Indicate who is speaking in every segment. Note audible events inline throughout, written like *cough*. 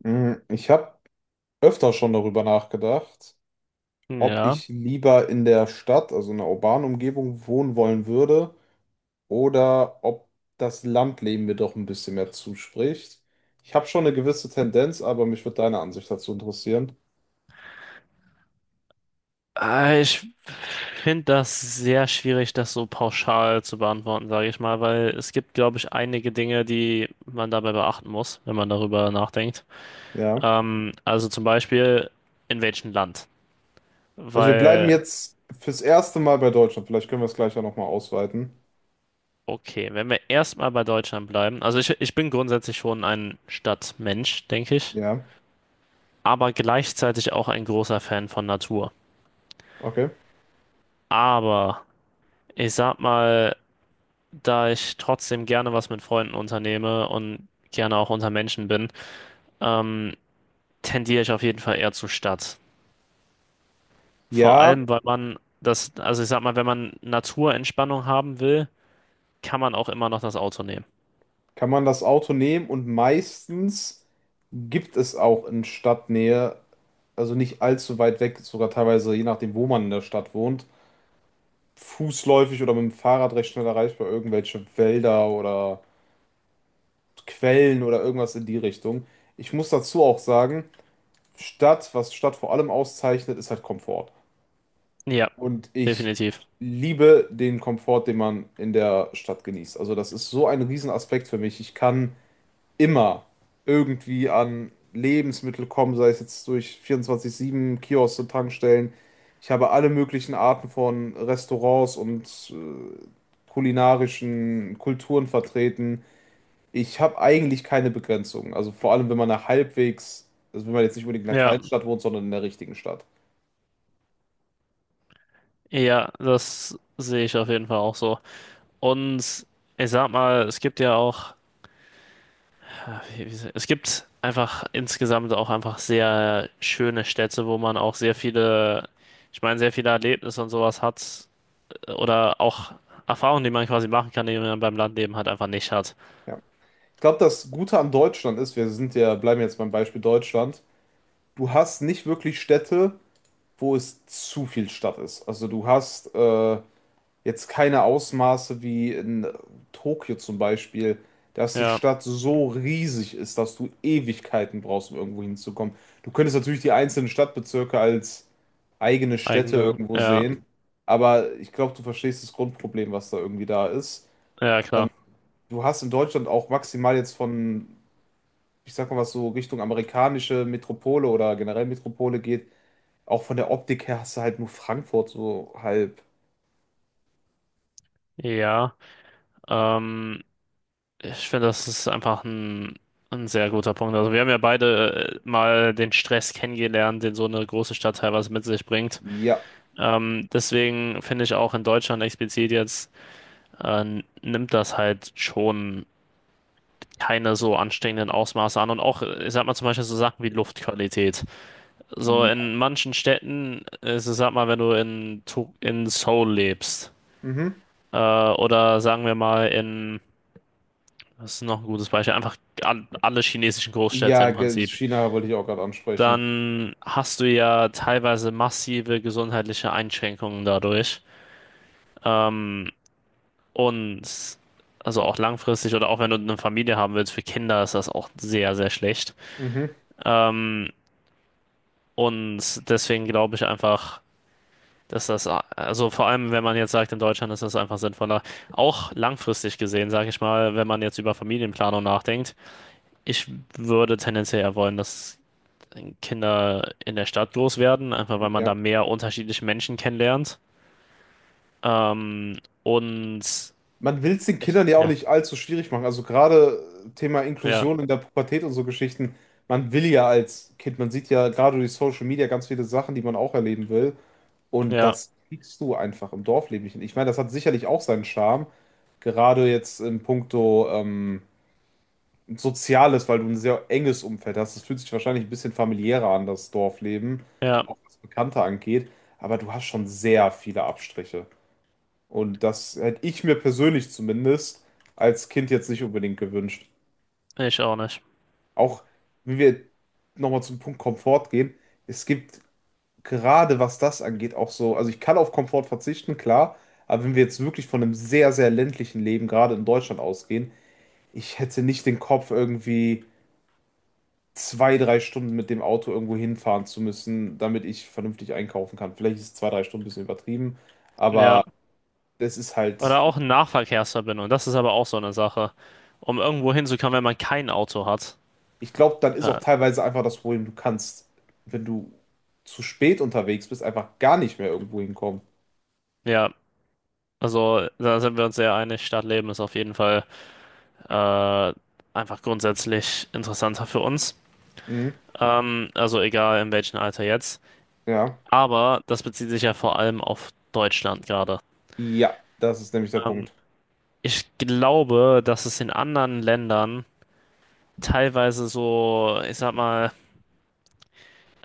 Speaker 1: Ich habe öfter schon darüber nachgedacht, ob
Speaker 2: Ja.
Speaker 1: ich lieber in der Stadt, also in einer urbanen Umgebung, wohnen wollen würde oder ob das Landleben mir doch ein bisschen mehr zuspricht. Ich habe schon eine gewisse Tendenz, aber mich würde deine Ansicht dazu interessieren.
Speaker 2: Ich finde das sehr schwierig, das so pauschal zu beantworten, sage ich mal, weil es gibt, glaube ich, einige Dinge, die man dabei beachten muss, wenn man darüber nachdenkt.
Speaker 1: Ja.
Speaker 2: Also zum Beispiel, in welchem Land?
Speaker 1: Also wir bleiben
Speaker 2: Weil,
Speaker 1: jetzt fürs erste Mal bei Deutschland. Vielleicht können wir es gleich ja nochmal ausweiten.
Speaker 2: okay, wenn wir erstmal bei Deutschland bleiben, also ich bin grundsätzlich schon ein Stadtmensch, denke ich,
Speaker 1: Ja.
Speaker 2: aber gleichzeitig auch ein großer Fan von Natur.
Speaker 1: Okay.
Speaker 2: Aber ich sag mal, da ich trotzdem gerne was mit Freunden unternehme und gerne auch unter Menschen bin, ähm, tendiere ich auf jeden Fall eher zur Stadt. Vor
Speaker 1: Ja,
Speaker 2: allem, weil man das, also ich sag mal, wenn man Naturentspannung haben will, kann man auch immer noch das Auto nehmen.
Speaker 1: kann man das Auto nehmen und meistens gibt es auch in Stadtnähe, also nicht allzu weit weg, sogar teilweise je nachdem, wo man in der Stadt wohnt, fußläufig oder mit dem Fahrrad recht schnell erreichbar irgendwelche Wälder oder Quellen oder irgendwas in die Richtung. Ich muss dazu auch sagen, Stadt, was Stadt vor allem auszeichnet, ist halt Komfort.
Speaker 2: Ja,
Speaker 1: Und ich
Speaker 2: definitiv.
Speaker 1: liebe den Komfort, den man in der Stadt genießt. Also das ist so ein Riesenaspekt für mich. Ich kann immer irgendwie an Lebensmittel kommen, sei es jetzt durch 24/7 Kioske, Tankstellen. Ich habe alle möglichen Arten von Restaurants und kulinarischen Kulturen vertreten. Ich habe eigentlich keine Begrenzungen. Also vor allem, wenn man nach halbwegs, also wenn man jetzt nicht unbedingt in einer
Speaker 2: Ja,
Speaker 1: Kleinstadt wohnt, sondern in der richtigen Stadt.
Speaker 2: ja, das sehe ich auf jeden Fall auch so. Und ich sag mal, es gibt ja auch ja, es gibt einfach insgesamt auch einfach sehr schöne Städte, wo man auch sehr viele, ich meine, sehr viele Erlebnisse und sowas hat oder auch Erfahrungen, die man quasi machen kann, die man beim Landleben halt einfach nicht hat.
Speaker 1: Ja. Ich glaube, das Gute an Deutschland ist, wir sind ja, bleiben jetzt beim Beispiel Deutschland, du hast nicht wirklich Städte, wo es zu viel Stadt ist. Also du hast jetzt keine Ausmaße wie in Tokio zum Beispiel, dass die
Speaker 2: Ja,
Speaker 1: Stadt so riesig ist, dass du Ewigkeiten brauchst, um irgendwo hinzukommen. Du könntest natürlich die einzelnen Stadtbezirke als eigene Städte
Speaker 2: eigene,
Speaker 1: irgendwo
Speaker 2: ja,
Speaker 1: sehen, aber ich glaube, du verstehst das Grundproblem, was da irgendwie da ist.
Speaker 2: ja,
Speaker 1: Ähm,
Speaker 2: klar.
Speaker 1: Du hast in Deutschland auch maximal jetzt von, ich sag mal was so Richtung amerikanische Metropole oder generell Metropole geht, auch von der Optik her hast du halt nur Frankfurt so halb.
Speaker 2: Ja, ähm, ich finde, das ist einfach ein sehr guter Punkt. Also wir haben ja beide mal den Stress kennengelernt, den so eine große Stadt teilweise mit sich bringt.
Speaker 1: Ja,
Speaker 2: Deswegen finde ich auch in Deutschland explizit jetzt nimmt das halt schon keine so ansteckenden Ausmaße an. Und auch, ich sag mal zum Beispiel so Sachen wie Luftqualität. So
Speaker 1: ja.
Speaker 2: in manchen Städten ist es, sag mal, wenn du in, in Seoul lebst,
Speaker 1: Mhm.
Speaker 2: oder sagen wir mal in, das ist noch ein gutes Beispiel, einfach alle chinesischen Großstädte
Speaker 1: Ja,
Speaker 2: im Prinzip,
Speaker 1: China wollte ich auch gerade ansprechen.
Speaker 2: dann hast du ja teilweise massive gesundheitliche Einschränkungen dadurch. Ähm, Und also auch langfristig oder auch wenn du eine Familie haben willst, für Kinder ist das auch sehr, sehr schlecht.
Speaker 1: Mhm.
Speaker 2: Ähm, und deswegen glaube ich einfach, dass das, also vor allem wenn man jetzt sagt, in Deutschland ist das einfach sinnvoller, auch langfristig gesehen, sage ich mal, wenn man jetzt über Familienplanung nachdenkt, ich würde tendenziell eher wollen, dass Kinder in der Stadt groß werden, einfach weil man da
Speaker 1: Ja.
Speaker 2: mehr unterschiedliche Menschen kennenlernt. Ähm, und
Speaker 1: Man will es den Kindern ja auch
Speaker 2: ja,
Speaker 1: nicht allzu schwierig machen. Also gerade Thema
Speaker 2: ja,
Speaker 1: Inklusion in der Pubertät und so Geschichten. Man will ja als Kind, man sieht ja gerade durch Social Media ganz viele Sachen, die man auch erleben will. Und
Speaker 2: ja,
Speaker 1: das kriegst du einfach im Dorfleben nicht hin. Ich meine, das hat sicherlich auch seinen Charme. Gerade jetzt in puncto Soziales, weil du ein sehr enges Umfeld hast. Es fühlt sich wahrscheinlich ein bisschen familiärer an, das Dorfleben,
Speaker 2: ja,
Speaker 1: auch was Bekannte angeht. Aber du hast schon sehr viele Abstriche. Und das hätte ich mir persönlich zumindest als Kind jetzt nicht unbedingt gewünscht.
Speaker 2: ich auch nicht.
Speaker 1: Auch wenn wir nochmal zum Punkt Komfort gehen, es gibt gerade was das angeht auch so, also ich kann auf Komfort verzichten, klar, aber wenn wir jetzt wirklich von einem sehr, sehr ländlichen Leben gerade in Deutschland ausgehen, ich hätte nicht den Kopf irgendwie zwei, drei Stunden mit dem Auto irgendwo hinfahren zu müssen, damit ich vernünftig einkaufen kann. Vielleicht ist zwei, drei Stunden ein bisschen übertrieben,
Speaker 2: Ja,
Speaker 1: aber das ist halt,
Speaker 2: oder auch eine Nahverkehrsverbindung. Das ist aber auch so eine Sache. Um irgendwo hinzukommen, wenn man kein Auto hat.
Speaker 1: ich glaube, dann ist auch
Speaker 2: Äh,
Speaker 1: teilweise einfach das Problem, du kannst, wenn du zu spät unterwegs bist, einfach gar nicht mehr irgendwo hinkommen.
Speaker 2: ja, also da sind wir uns sehr einig. Stadtleben ist auf jeden Fall äh, einfach grundsätzlich interessanter für uns.
Speaker 1: Mhm.
Speaker 2: Also egal in welchem Alter jetzt.
Speaker 1: Ja.
Speaker 2: Aber das bezieht sich ja vor allem auf Deutschland gerade.
Speaker 1: Ja, das ist nämlich der
Speaker 2: Ähm,
Speaker 1: Punkt.
Speaker 2: Ich glaube, dass es in anderen Ländern teilweise so, ich sag mal,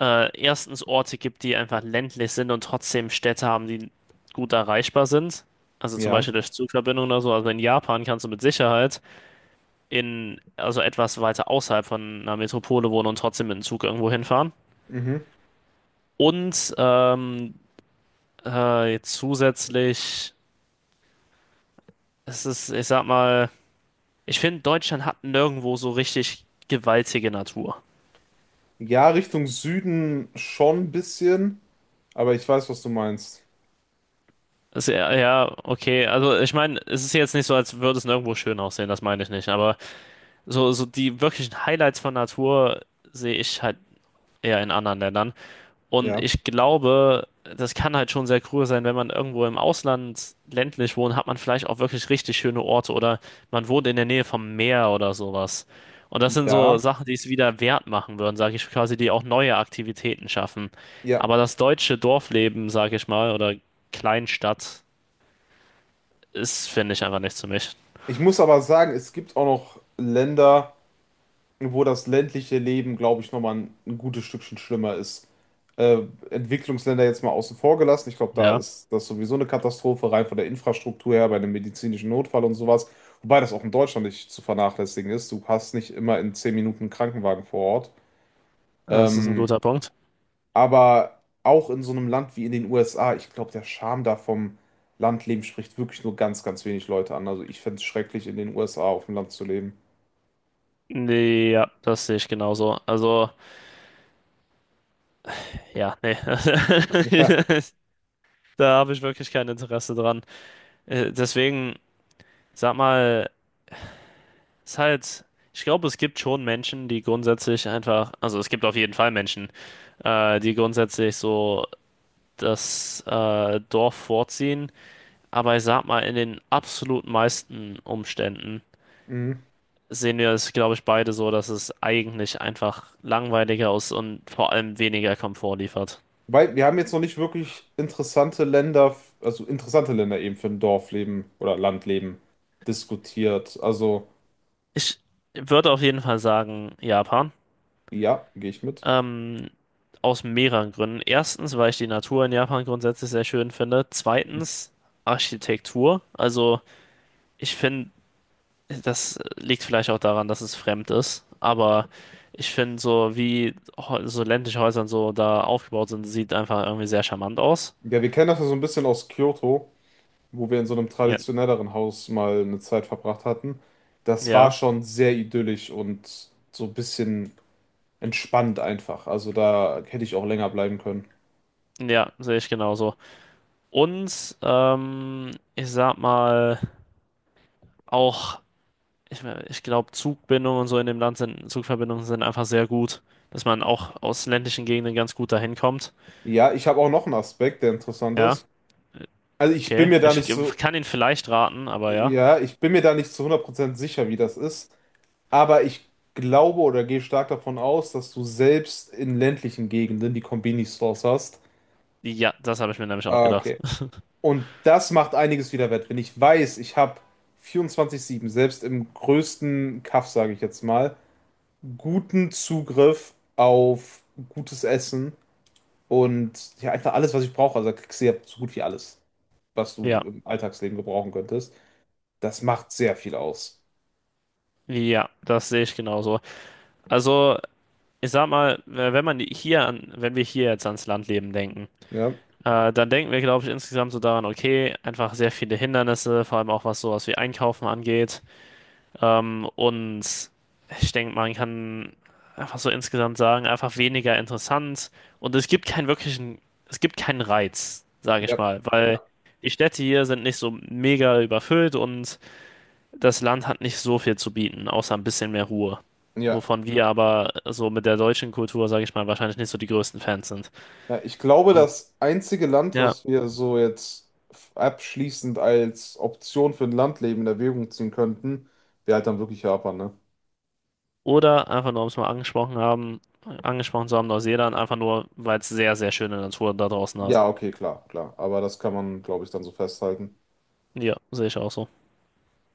Speaker 2: erstens Orte gibt, die einfach ländlich sind und trotzdem Städte haben, die gut erreichbar sind. Also zum Beispiel
Speaker 1: Ja.
Speaker 2: durch Zugverbindungen oder so. Also in Japan kannst du mit Sicherheit in, also etwas weiter außerhalb von einer Metropole wohnen und trotzdem mit dem Zug irgendwo hinfahren.
Speaker 1: Mhm.
Speaker 2: Und zusätzlich, es ist, ich sag mal, ich finde, Deutschland hat nirgendwo so richtig gewaltige Natur.
Speaker 1: Ja, Richtung Süden schon ein bisschen, aber ich weiß, was du meinst.
Speaker 2: Ist ja, ja, okay. Also ich meine, es ist jetzt nicht so, als würde es nirgendwo schön aussehen, das meine ich nicht, aber. So, so die wirklichen Highlights von Natur sehe ich halt eher in anderen Ländern. Und
Speaker 1: Ja.
Speaker 2: ich glaube, das kann halt schon sehr cool sein, wenn man irgendwo im Ausland ländlich wohnt, hat man vielleicht auch wirklich richtig schöne Orte oder man wohnt in der Nähe vom Meer oder sowas. Und das sind so
Speaker 1: Ja.
Speaker 2: Sachen, die es wieder wert machen würden, sage ich quasi, die auch neue Aktivitäten schaffen.
Speaker 1: Ja.
Speaker 2: Aber das deutsche Dorfleben, sage ich mal, oder Kleinstadt ist, finde ich, einfach nichts für mich.
Speaker 1: Ich muss aber sagen, es gibt auch noch Länder, wo das ländliche Leben, glaube ich, nochmal ein gutes Stückchen schlimmer ist. Äh, Entwicklungsländer jetzt mal außen vor gelassen. Ich glaube, da
Speaker 2: Ja,
Speaker 1: ist das sowieso eine Katastrophe, rein von der Infrastruktur her, bei einem medizinischen Notfall und sowas. Wobei das auch in Deutschland nicht zu vernachlässigen ist. Du hast nicht immer in 10 Minuten einen Krankenwagen vor Ort.
Speaker 2: das ist ein
Speaker 1: Ähm,
Speaker 2: guter Punkt.
Speaker 1: aber auch in so einem Land wie in den USA, ich glaube, der Charme da vom Landleben spricht wirklich nur ganz, ganz wenig Leute an. Also ich fände es schrecklich, in den USA auf dem Land zu leben.
Speaker 2: Nee, ja, das sehe ich genauso. Also, ja, nee.
Speaker 1: *laughs*
Speaker 2: *laughs* Da habe ich wirklich kein Interesse dran. Deswegen, sag mal, ist halt, ich glaube, es gibt schon Menschen, die grundsätzlich einfach, also es gibt auf jeden Fall Menschen, die grundsätzlich so das Dorf vorziehen. Aber ich sag mal, in den absolut meisten Umständen
Speaker 1: Mhm.
Speaker 2: sehen wir es, glaube ich, beide so, dass es eigentlich einfach langweiliger ist und vor allem weniger Komfort liefert.
Speaker 1: Weil wir haben jetzt noch nicht wirklich interessante Länder, also interessante Länder eben für ein Dorfleben oder Landleben diskutiert. Also
Speaker 2: Ich würde auf jeden Fall sagen, Japan.
Speaker 1: ja, gehe ich mit.
Speaker 2: Ähm, Aus mehreren Gründen. Erstens, weil ich die Natur in Japan grundsätzlich sehr schön finde. Zweitens, Architektur. Also, ich finde, das liegt vielleicht auch daran, dass es fremd ist. Aber ich finde, so wie so ländliche Häuser und so da aufgebaut sind, sieht einfach irgendwie sehr charmant aus.
Speaker 1: Ja, wir kennen das ja so ein bisschen aus Kyoto, wo wir in so einem
Speaker 2: Ja,
Speaker 1: traditionelleren Haus mal eine Zeit verbracht hatten. Das war
Speaker 2: ja,
Speaker 1: schon sehr idyllisch und so ein bisschen entspannt einfach. Also da hätte ich auch länger bleiben können.
Speaker 2: ja, sehe ich genauso. Und ich sag mal, auch. Ich glaube, Zugbindungen und so in dem Land sind, Zugverbindungen sind einfach sehr gut, dass man auch aus ländlichen Gegenden ganz gut dahin kommt.
Speaker 1: Ja, ich habe auch noch einen Aspekt, der interessant
Speaker 2: Ja,
Speaker 1: ist. Also ich bin
Speaker 2: okay.
Speaker 1: mir da nicht so,
Speaker 2: Kann ihn vielleicht raten, aber ja.
Speaker 1: ja, ich bin mir da nicht zu 100% sicher, wie das ist. Aber ich glaube oder gehe stark davon aus, dass du selbst in ländlichen Gegenden die Konbini-Stores hast.
Speaker 2: Ja, das habe ich mir nämlich auch
Speaker 1: Ah,
Speaker 2: gedacht.
Speaker 1: okay. Und das macht einiges wieder wett. Wenn ich weiß, ich habe 24/7 selbst im größten Kaff, sage ich jetzt mal, guten Zugriff auf gutes Essen und ja, einfach alles, was ich brauche. Also da kriegst du ja so gut wie alles, was du
Speaker 2: Ja,
Speaker 1: im Alltagsleben gebrauchen könntest. Das macht sehr viel aus.
Speaker 2: ja, das sehe ich genauso. Also, ich sag mal, wenn man hier an, wenn wir hier jetzt ans Landleben denken,
Speaker 1: Ja,
Speaker 2: dann denken wir, glaube ich, insgesamt so daran, okay, einfach sehr viele Hindernisse, vor allem auch was sowas wie Einkaufen angeht. Und ich denke, man kann einfach so insgesamt sagen, einfach weniger interessant. Und es gibt keinen wirklichen, es gibt keinen Reiz, sage ich
Speaker 1: ja,
Speaker 2: mal, weil die Städte hier sind nicht so mega überfüllt und das Land hat nicht so viel zu bieten, außer ein bisschen mehr Ruhe.
Speaker 1: ja.
Speaker 2: Wovon wir aber so mit der deutschen Kultur, sage ich mal, wahrscheinlich nicht so die größten Fans sind.
Speaker 1: Ja, ich glaube,
Speaker 2: Und
Speaker 1: das einzige Land,
Speaker 2: ja,
Speaker 1: was wir so jetzt abschließend als Option für ein Landleben in Erwägung ziehen könnten, wäre halt dann wirklich Japan, ne?
Speaker 2: oder einfach nur, um es mal angesprochen haben, angesprochen zu haben, Neuseeland, einfach nur, weil es sehr, sehr schöne Natur da draußen hat.
Speaker 1: Ja, okay, klar, klar. Aber das kann man, glaube ich, dann so festhalten.
Speaker 2: Ja, sehe ich auch so.